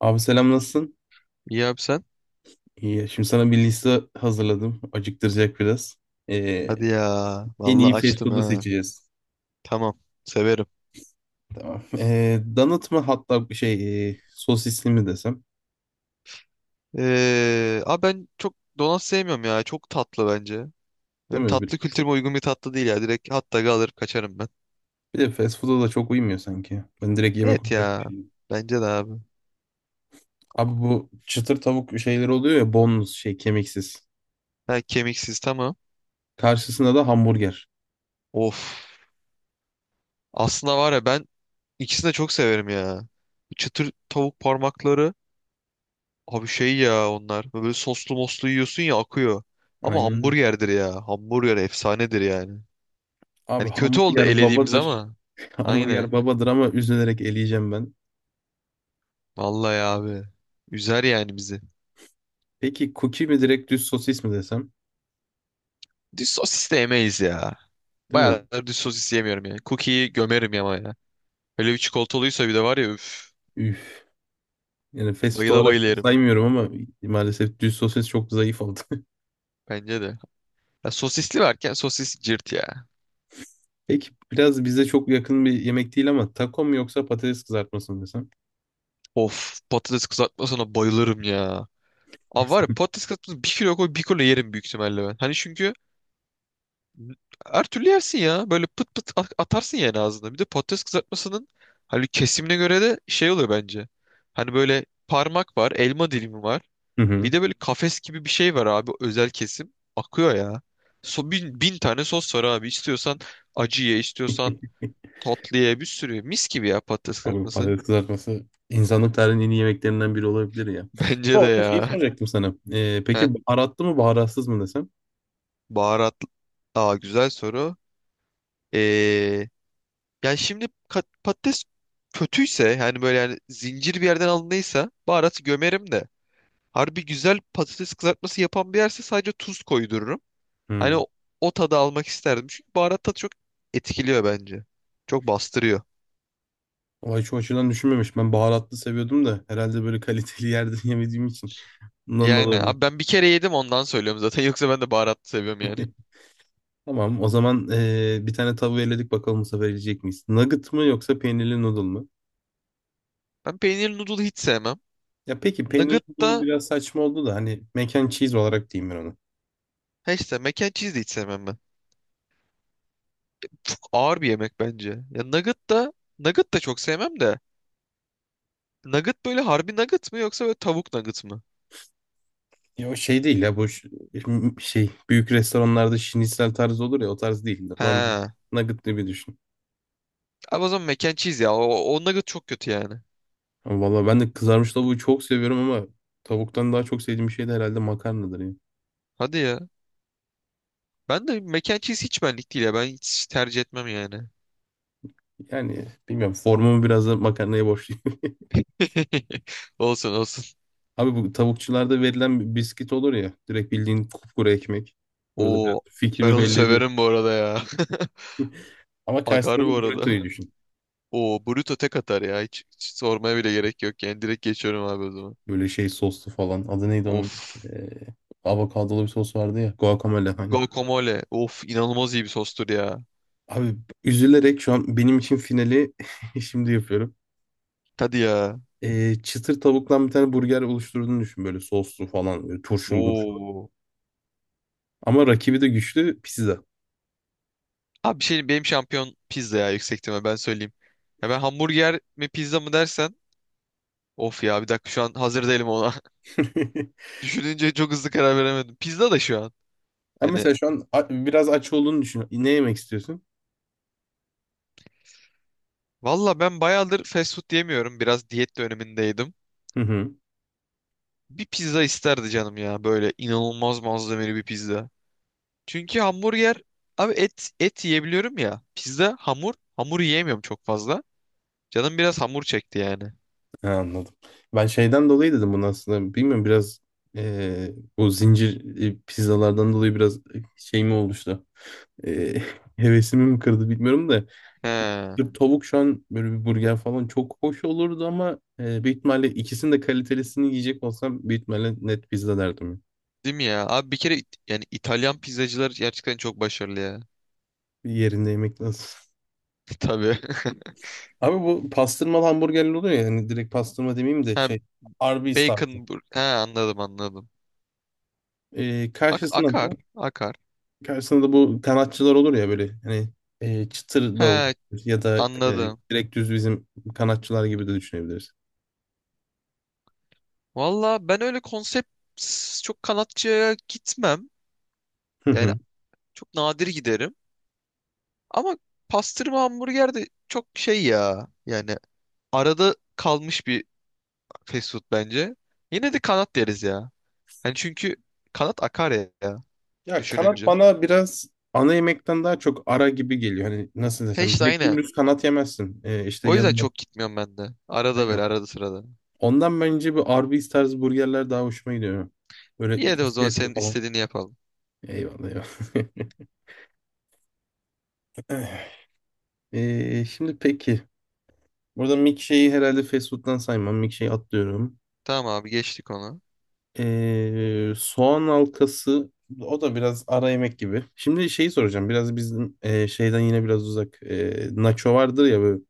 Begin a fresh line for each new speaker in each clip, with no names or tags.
Abi selam, nasılsın?
İyi abi sen?
İyi. Şimdi sana bir liste hazırladım. Acıktıracak biraz. Ee,
Hadi ya.
En
Vallahi
iyi fast
açtım
food'u
ha.
seçeceğiz.
Tamam. Severim.
Tamam. Donut mu, hatta bir şey, sosisli mi desem?
Abi ben çok donat sevmiyorum ya. Çok tatlı bence. Benim
Değil mi?
tatlı kültürüme uygun bir tatlı değil ya. Direkt hatta dog'ı alır kaçarım ben.
Bir de fast food'a da çok uymuyor sanki. Ben direkt yemek
Evet
olarak
ya.
düşünüyorum.
Bence de abi.
Abi bu çıtır tavuk şeyleri oluyor ya, boneless, şey, kemiksiz.
Ha, kemiksiz tamam.
Karşısında da hamburger.
Of. Aslında var ya ben ikisini de çok severim ya. Çıtır tavuk parmakları. Abi şey ya onlar. Böyle soslu moslu yiyorsun ya akıyor. Ama
Aynen.
hamburgerdir ya. Hamburger efsanedir yani.
Abi
Hani kötü oldu
hamburger
elediğimiz
babadır.
ama. Aynen.
Hamburger babadır ama üzülerek eleyeceğim ben.
Vallahi abi. Üzer yani bizi.
Peki cookie mi, direkt düz sosis mi desem?
Düz sosis de yemeyiz ya.
Değil mi?
Bayağıdır düz sosis yemiyorum yani. Cookie'yi gömerim ama ya. Öyle bir çikolatalıysa bir de var ya üf.
Üf. Yani fast food
Bayıla
olarak
bayıla
çok
yerim.
saymıyorum ama maalesef düz sosis çok zayıf oldu.
Bence de. Ya sosisli varken sosis cırt ya.
Peki, biraz bize çok yakın bir yemek değil ama, taco mu yoksa patates kızartması mı desem?
Of patates kızartmasına bayılırım ya. Abi var ya patates kızartması bir kilo koy bir kilo yerim büyük ihtimalle ben. Hani çünkü her türlü yersin ya. Böyle pıt pıt atarsın yani ağzına. Bir de patates kızartmasının hani kesimine göre de şey oluyor bence. Hani böyle parmak var, elma dilimi var.
Hı
Bir
hı.
de böyle kafes gibi bir şey var abi özel kesim. Akıyor ya. So, bin tane sos var abi. İstiyorsan acı ye, istiyorsan tatlı ye bir sürü. Mis gibi ya patates
Abi
kızartması.
patates kızartması insanlık tarihinin en iyi yemeklerinden biri olabilir ya.
Bence
Ama
de
orada şeyi
ya.
soracaktım sana.
Heh,
Peki, baharatlı mı baharatsız mı desem?
baharat. Aa güzel soru. Ee, yani şimdi patates kötüyse yani böyle yani zincir bir yerden alındıysa baharatı gömerim de. Harbi güzel patates kızartması yapan bir yerse sadece tuz koydururum. Hani
Hı.
o tadı almak isterdim. Çünkü baharat tadı çok etkiliyor bence. Çok bastırıyor.
Vay, şu açıdan düşünmemiş. Ben baharatlı seviyordum da herhalde böyle kaliteli yerde yemediğim için. Bundan da
Yani
olabilir.
abi ben bir kere yedim ondan söylüyorum zaten. Yoksa ben de baharatlı seviyorum yani.
Tamam o zaman, bir tane tavuğu eledik, bakalım bu sefer yiyecek miyiz? Nugget mı yoksa peynirli noodle mu?
Ben peynirli noodle hiç sevmem.
Ya peki, peynirli
Nugget
noodle'ı
da
biraz saçma oldu da, hani mac and cheese olarak diyeyim ben onu.
ha işte mac and cheese de hiç sevmem ben. Çok ağır bir yemek bence. Ya nugget da çok sevmem de. Nugget böyle harbi nugget mı yoksa böyle tavuk nugget mı?
Ya o şey değil ya, bu şey, büyük restoranlarda şinisel tarzı olur ya, o tarz değil. Normal
He.
nugget gibi düşün.
Abi o zaman mac and cheese ya. O nugget çok kötü yani.
Ama valla ben de kızarmış tavuğu çok seviyorum ama tavuktan daha çok sevdiğim şey de herhalde makarnadır ya.
Hadi ya. Ben de mac and cheese hiç benlik değil ya. Ben hiç tercih etmem yani.
Yani bilmiyorum, formumu biraz da makarnaya borçluyum.
Olsun olsun.
Abi bu tavukçularda verilen bir biskit olur ya, direkt bildiğin kupkuru ekmek. Burada biraz
Oo ben
fikrimi
onu
belli ediyor.
severim bu arada ya.
Ama
Akar
karşısında
bu
da
arada.
burrito'yu düşün.
Oo Bruto tek atar ya. Hiç sormaya bile gerek yok yani. Direkt geçiyorum abi o zaman.
Böyle şey, soslu falan. Adı neydi onun?
Of.
Ee, Avokadolu bir sos vardı ya. Guacamole, hani.
Guacamole. Of inanılmaz iyi bir sostur ya.
Abi üzülerek şu an benim için finali şimdi yapıyorum.
Hadi ya.
Çıtır tavuktan bir tane burger oluşturduğunu düşün, böyle soslu falan, böyle turşulu murşulu.
Oo.
Ama rakibi de güçlü: pizza.
Abi bir şey benim şampiyon pizza ya yüksek ihtimal ben söyleyeyim. Ya ben hamburger mi pizza mı dersen. Of ya bir dakika şu an hazır değilim ona. Düşününce çok hızlı karar veremedim. Pizza da şu an.
Ben
Hani
mesela şu an biraz aç olduğunu düşün. Ne yemek istiyorsun?
valla ben bayağıdır fast food yemiyorum. Biraz diyet dönemindeydim.
Hı hı.
Bir pizza isterdi canım ya böyle inanılmaz malzemeli bir pizza. Çünkü hamburger abi et et yiyebiliyorum ya. Pizza hamur hamur yiyemiyorum çok fazla. Canım biraz hamur çekti yani.
Ha, anladım. Ben şeyden dolayı dedim bunu aslında. Bilmiyorum, biraz o zincir pizzalardan dolayı biraz, şey mi oluştu? e, Hevesimi mi kırdı bilmiyorum da,
He,
bir tavuk şu an böyle bir burger falan çok hoş olurdu ama, büyük ihtimalle ikisinin de kalitelisini yiyecek olsam büyük ihtimalle net pizza derdim.
değil mi ya? Abi bir kere yani İtalyan pizzacılar gerçekten çok başarılı ya.
Bir yerinde yemek lazım.
Tabii.
Abi bu pastırmalı hamburgerler oluyor ya, hani direkt pastırma demeyeyim de,
Ha,
şey, Arby's tarzı.
he anladım anladım.
E,
Ak
karşısına
akar
da
akar.
karşısına da bu kanatçılar olur ya böyle, hani, çıtır da olur
He
ya da,
anladım.
direkt düz bizim kanatçılar gibi de düşünebiliriz.
Valla ben öyle konsept çok kanatçıya gitmem. Yani çok nadir giderim. Ama pastırma hamburger de çok şey ya. Yani arada kalmış bir fast food bence. Yine de kanat deriz ya. Hani çünkü kanat akar ya, ya
Ya kanat
düşününce.
bana biraz ana yemekten daha çok ara gibi geliyor. Hani nasıl
He
desem,
işte
direkt
aynen.
dümdüz kanat yemezsin. İşte
O yüzden
yanında.
çok gitmiyorum ben de. Arada
Aynen.
böyle arada sırada.
Ondan bence bir Arby's tarzı burgerler daha hoşuma gidiyor. Böyle
İyi de o zaman
izletli
senin
falan.
istediğini yapalım.
Eyvallah, eyvallah. Şimdi peki. Burada milkshake'i herhalde fast food'dan saymam. Milkshake'i atlıyorum.
Tamam abi geçtik onu.
Soğan halkası, o da biraz ara yemek gibi. Şimdi şeyi soracağım. Biraz bizim, şeyden yine biraz uzak. Nacho vardır ya, böyle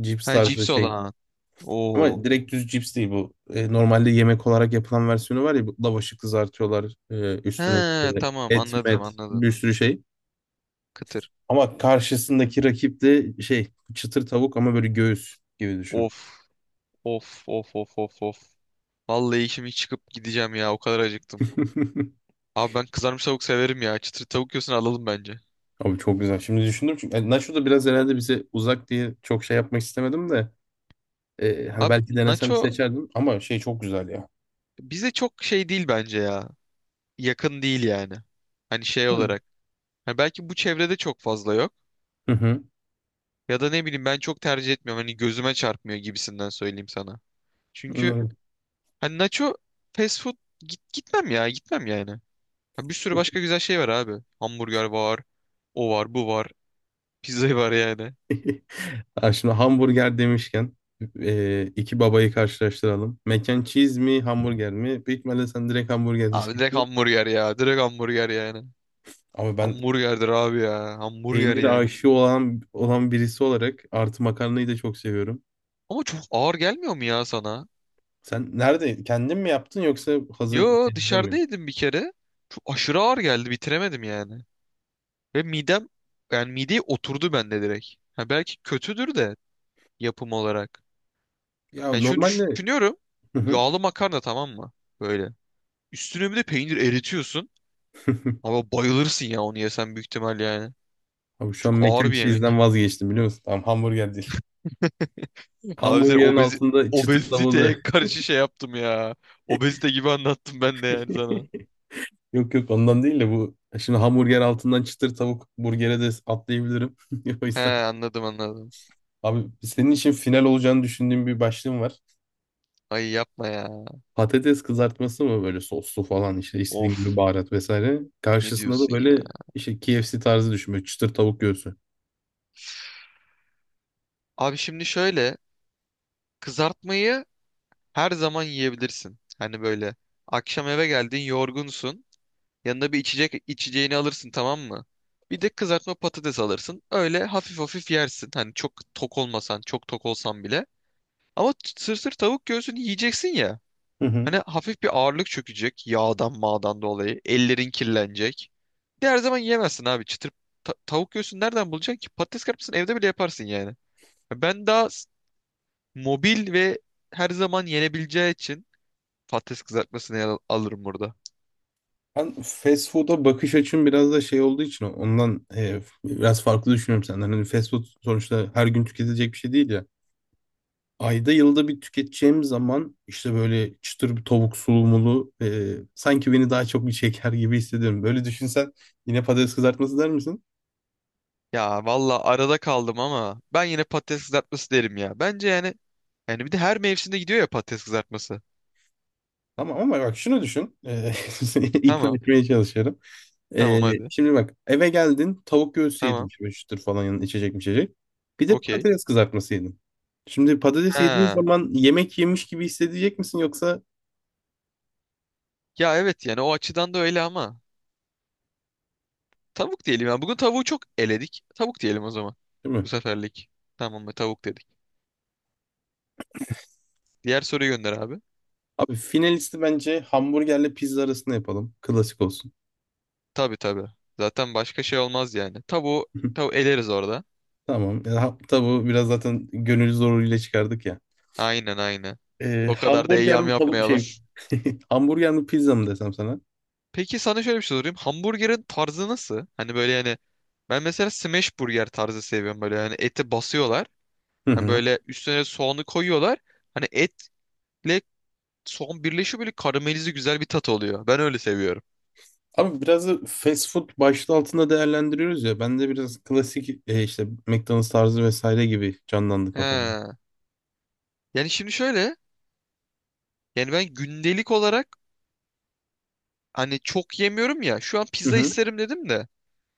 cips
Ha
tarzı
cips
şey.
olan.
Ama
Oo.
direkt düz cips değil bu. E, normalde yemek olarak yapılan versiyonu var ya. Bu lavaşı kızartıyorlar.
He
Üstüne işte
tamam
et,
anladım
met,
anladım.
bir sürü şey.
Kıtır.
Ama karşısındaki rakip de şey, çıtır tavuk ama böyle göğüs gibi düşün.
Of of of of of of. Vallahi işimi çıkıp gideceğim ya o kadar acıktım. Abi ben kızarmış tavuk severim ya. Çıtır tavuk yiyorsun alalım bence.
Abi çok güzel. Şimdi düşündüm çünkü, yani nacho da biraz herhalde bize uzak diye çok şey yapmak istemedim de, hani
Abi
belki denesem
nacho
seçerdim ama şey çok güzel ya.
bize çok şey değil bence ya. Yakın değil yani. Hani şey
Hı
olarak. Hani belki bu çevrede çok fazla yok.
hı. Hı.
Ya da ne bileyim ben çok tercih etmiyorum. Hani gözüme çarpmıyor gibisinden söyleyeyim sana. Çünkü
Anladım.
hani nacho fast food gitmem ya gitmem yani. Ha, bir sürü başka güzel şey var abi. Hamburger var. O var bu var. Pizza var yani.
Ha, şimdi hamburger demişken iki babayı karşılaştıralım. Mac and cheese mi, hamburger mi? Büyük ihtimalle sen direkt hamburger
Abi direkt
diyeceksin.
hamburger ya. Direkt hamburger yani.
Ama ben
Hamburgerdir abi ya. Hamburger
peynir
yani.
aşığı olan birisi olarak, artı makarnayı da çok seviyorum.
Ama çok ağır gelmiyor mu ya sana?
Sen nerede? Kendin mi yaptın yoksa hazır
Yo
şeylerden mi?
dışarıdaydım bir kere. Çok aşırı ağır geldi bitiremedim yani. Ve midem yani mideye oturdu bende direkt. Ha, belki kötüdür de yapım olarak.
Ya
Yani şunu
normalde.
düşünüyorum.
Hı hı.
Yağlı makarna tamam mı? Böyle. Üstüne bir de peynir eritiyorsun. Ama bayılırsın ya onu yesen büyük ihtimal yani.
Abi şu an
Çok
mac
ağır
and
bir
cheese'den
yemek.
vazgeçtim, biliyor musun? Tamam, hamburger değil.
Abi sen
Hamburgerin altında çıtır tavuğu da
obeziteye karşı şey yaptım ya. Obezite gibi anlattım ben de yani sana.
yok yok, ondan değil de, bu şimdi hamburger altından çıtır tavuk burgere de atlayabilirim. O
He
yüzden,
anladım anladım.
abi senin için final olacağını düşündüğüm bir başlığım var.
Ay yapma ya.
Patates kızartması mı, böyle soslu falan, işte istediğin gibi
Of.
baharat vesaire.
Ne
Karşısında da
diyorsun ya?
böyle işte KFC tarzı düşün, böyle çıtır tavuk göğsü.
Abi şimdi şöyle kızartmayı her zaman yiyebilirsin. Hani böyle akşam eve geldin yorgunsun. Yanına bir içecek içeceğini alırsın tamam mı? Bir de kızartma patates alırsın. Öyle hafif hafif yersin. Hani çok tok olmasan çok tok olsan bile. Ama sır sır tavuk göğsünü yiyeceksin ya.
Hı hı.
Hani hafif bir ağırlık çökecek yağdan mağdan dolayı. Ellerin kirlenecek. Bir de her zaman yiyemezsin abi. Çıtır tavuk göğsünü nereden bulacaksın ki? Patates kızartmasını evde bile yaparsın yani. Ben daha mobil ve her zaman yenebileceği için patates kızartmasını alırım burada.
Ben fast food'a bakış açım biraz da şey olduğu için ondan, biraz farklı düşünüyorum senden. Hani fast food sonuçta her gün tüketilecek bir şey değil ya. Ayda yılda bir tüketeceğim zaman, işte böyle çıtır bir tavuk sulumulu, sanki beni daha çok bir çeker gibi hissediyorum. Böyle düşünsen yine patates kızartması der misin?
Ya valla arada kaldım ama ben yine patates kızartması derim ya. Bence yani bir de her mevsimde gidiyor ya patates kızartması.
Tamam ama bak şunu düşün. İkna
Tamam.
etmeye çalışıyorum. E,
Tamam hadi.
Şimdi bak, eve geldin, tavuk göğsü yedin
Tamam.
şöyle çıtır falan, yanında içecek mi içecek. Bir de
Okey.
patates kızartması yedin. Şimdi patates yediğin
Ha.
zaman yemek yemiş gibi hissedecek misin yoksa,
Ya evet yani o açıdan da öyle ama tavuk diyelim ya. Bugün tavuğu çok eledik. Tavuk diyelim o zaman.
değil mi?
Bu seferlik. Tamam mı? Tavuk dedik. Diğer soruyu gönder abi.
Abi finalisti bence hamburgerle pizza arasında yapalım. Klasik olsun.
Tabii tabii. Zaten başka şey olmaz yani. Tavuğu, tavuğu eleriz orada.
Tamam. Tavuğu biraz zaten gönül zoruyla çıkardık ya.
Aynen aynen. O kadar da
Hamburger
eyyam
mi, tavuk,
yapmayalım.
şey, hamburger mi pizza mı desem sana?
Peki sana şöyle bir şey sorayım. Hamburgerin tarzı nasıl? Hani böyle yani ben mesela smash burger tarzı seviyorum böyle. Hani eti basıyorlar.
Hı
Hani
hı.
böyle üstüne soğanı koyuyorlar. Hani etle soğan birleşiyor böyle karamelize güzel bir tat oluyor. Ben öyle seviyorum.
Abi biraz da fast food başlığı altında değerlendiriyoruz ya. Ben de biraz klasik, işte McDonald's tarzı vesaire gibi canlandı kafamda.
He. Yani şimdi şöyle. Yani ben gündelik olarak hani çok yemiyorum ya. Şu an
Hı
pizza
hı.
isterim dedim de.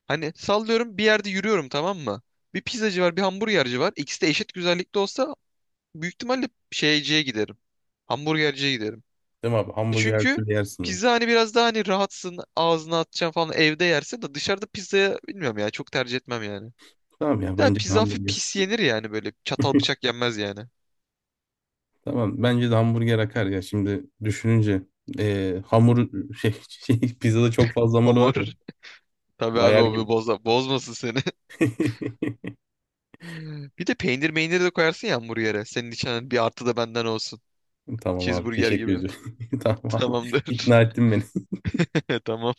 Hani sallıyorum bir yerde yürüyorum tamam mı? Bir pizzacı var bir hamburgerci var. İkisi de eşit güzellikte olsa büyük ihtimalle şeyciye giderim. Hamburgerciye giderim.
Değil mi abi? Hamburger her
Çünkü
türlü yersin ya.
pizza hani biraz daha hani rahatsın ağzına atacaksın falan evde yersin de dışarıda pizzaya bilmiyorum ya çok tercih etmem yani.
Tamam ya,
Ya
bence de
pizza hafif
hamburger.
pis yenir yani böyle çatal bıçak yenmez yani.
Tamam, bence de hamburger akar ya şimdi düşününce. E, hamur, şey, pizzada çok fazla hamur var
Hamur
ya.
tabii abi
Bayar
o bir
gibi.
bozmasın seni. Bir de peynir meynir de koyarsın ya hamburgere. Senin için hani bir artı da benden olsun.
Tamam abi,
Cheeseburger
teşekkür
gibi.
ediyorum. Tamam abi.
Tamamdır.
İkna ettin beni.
Tamam.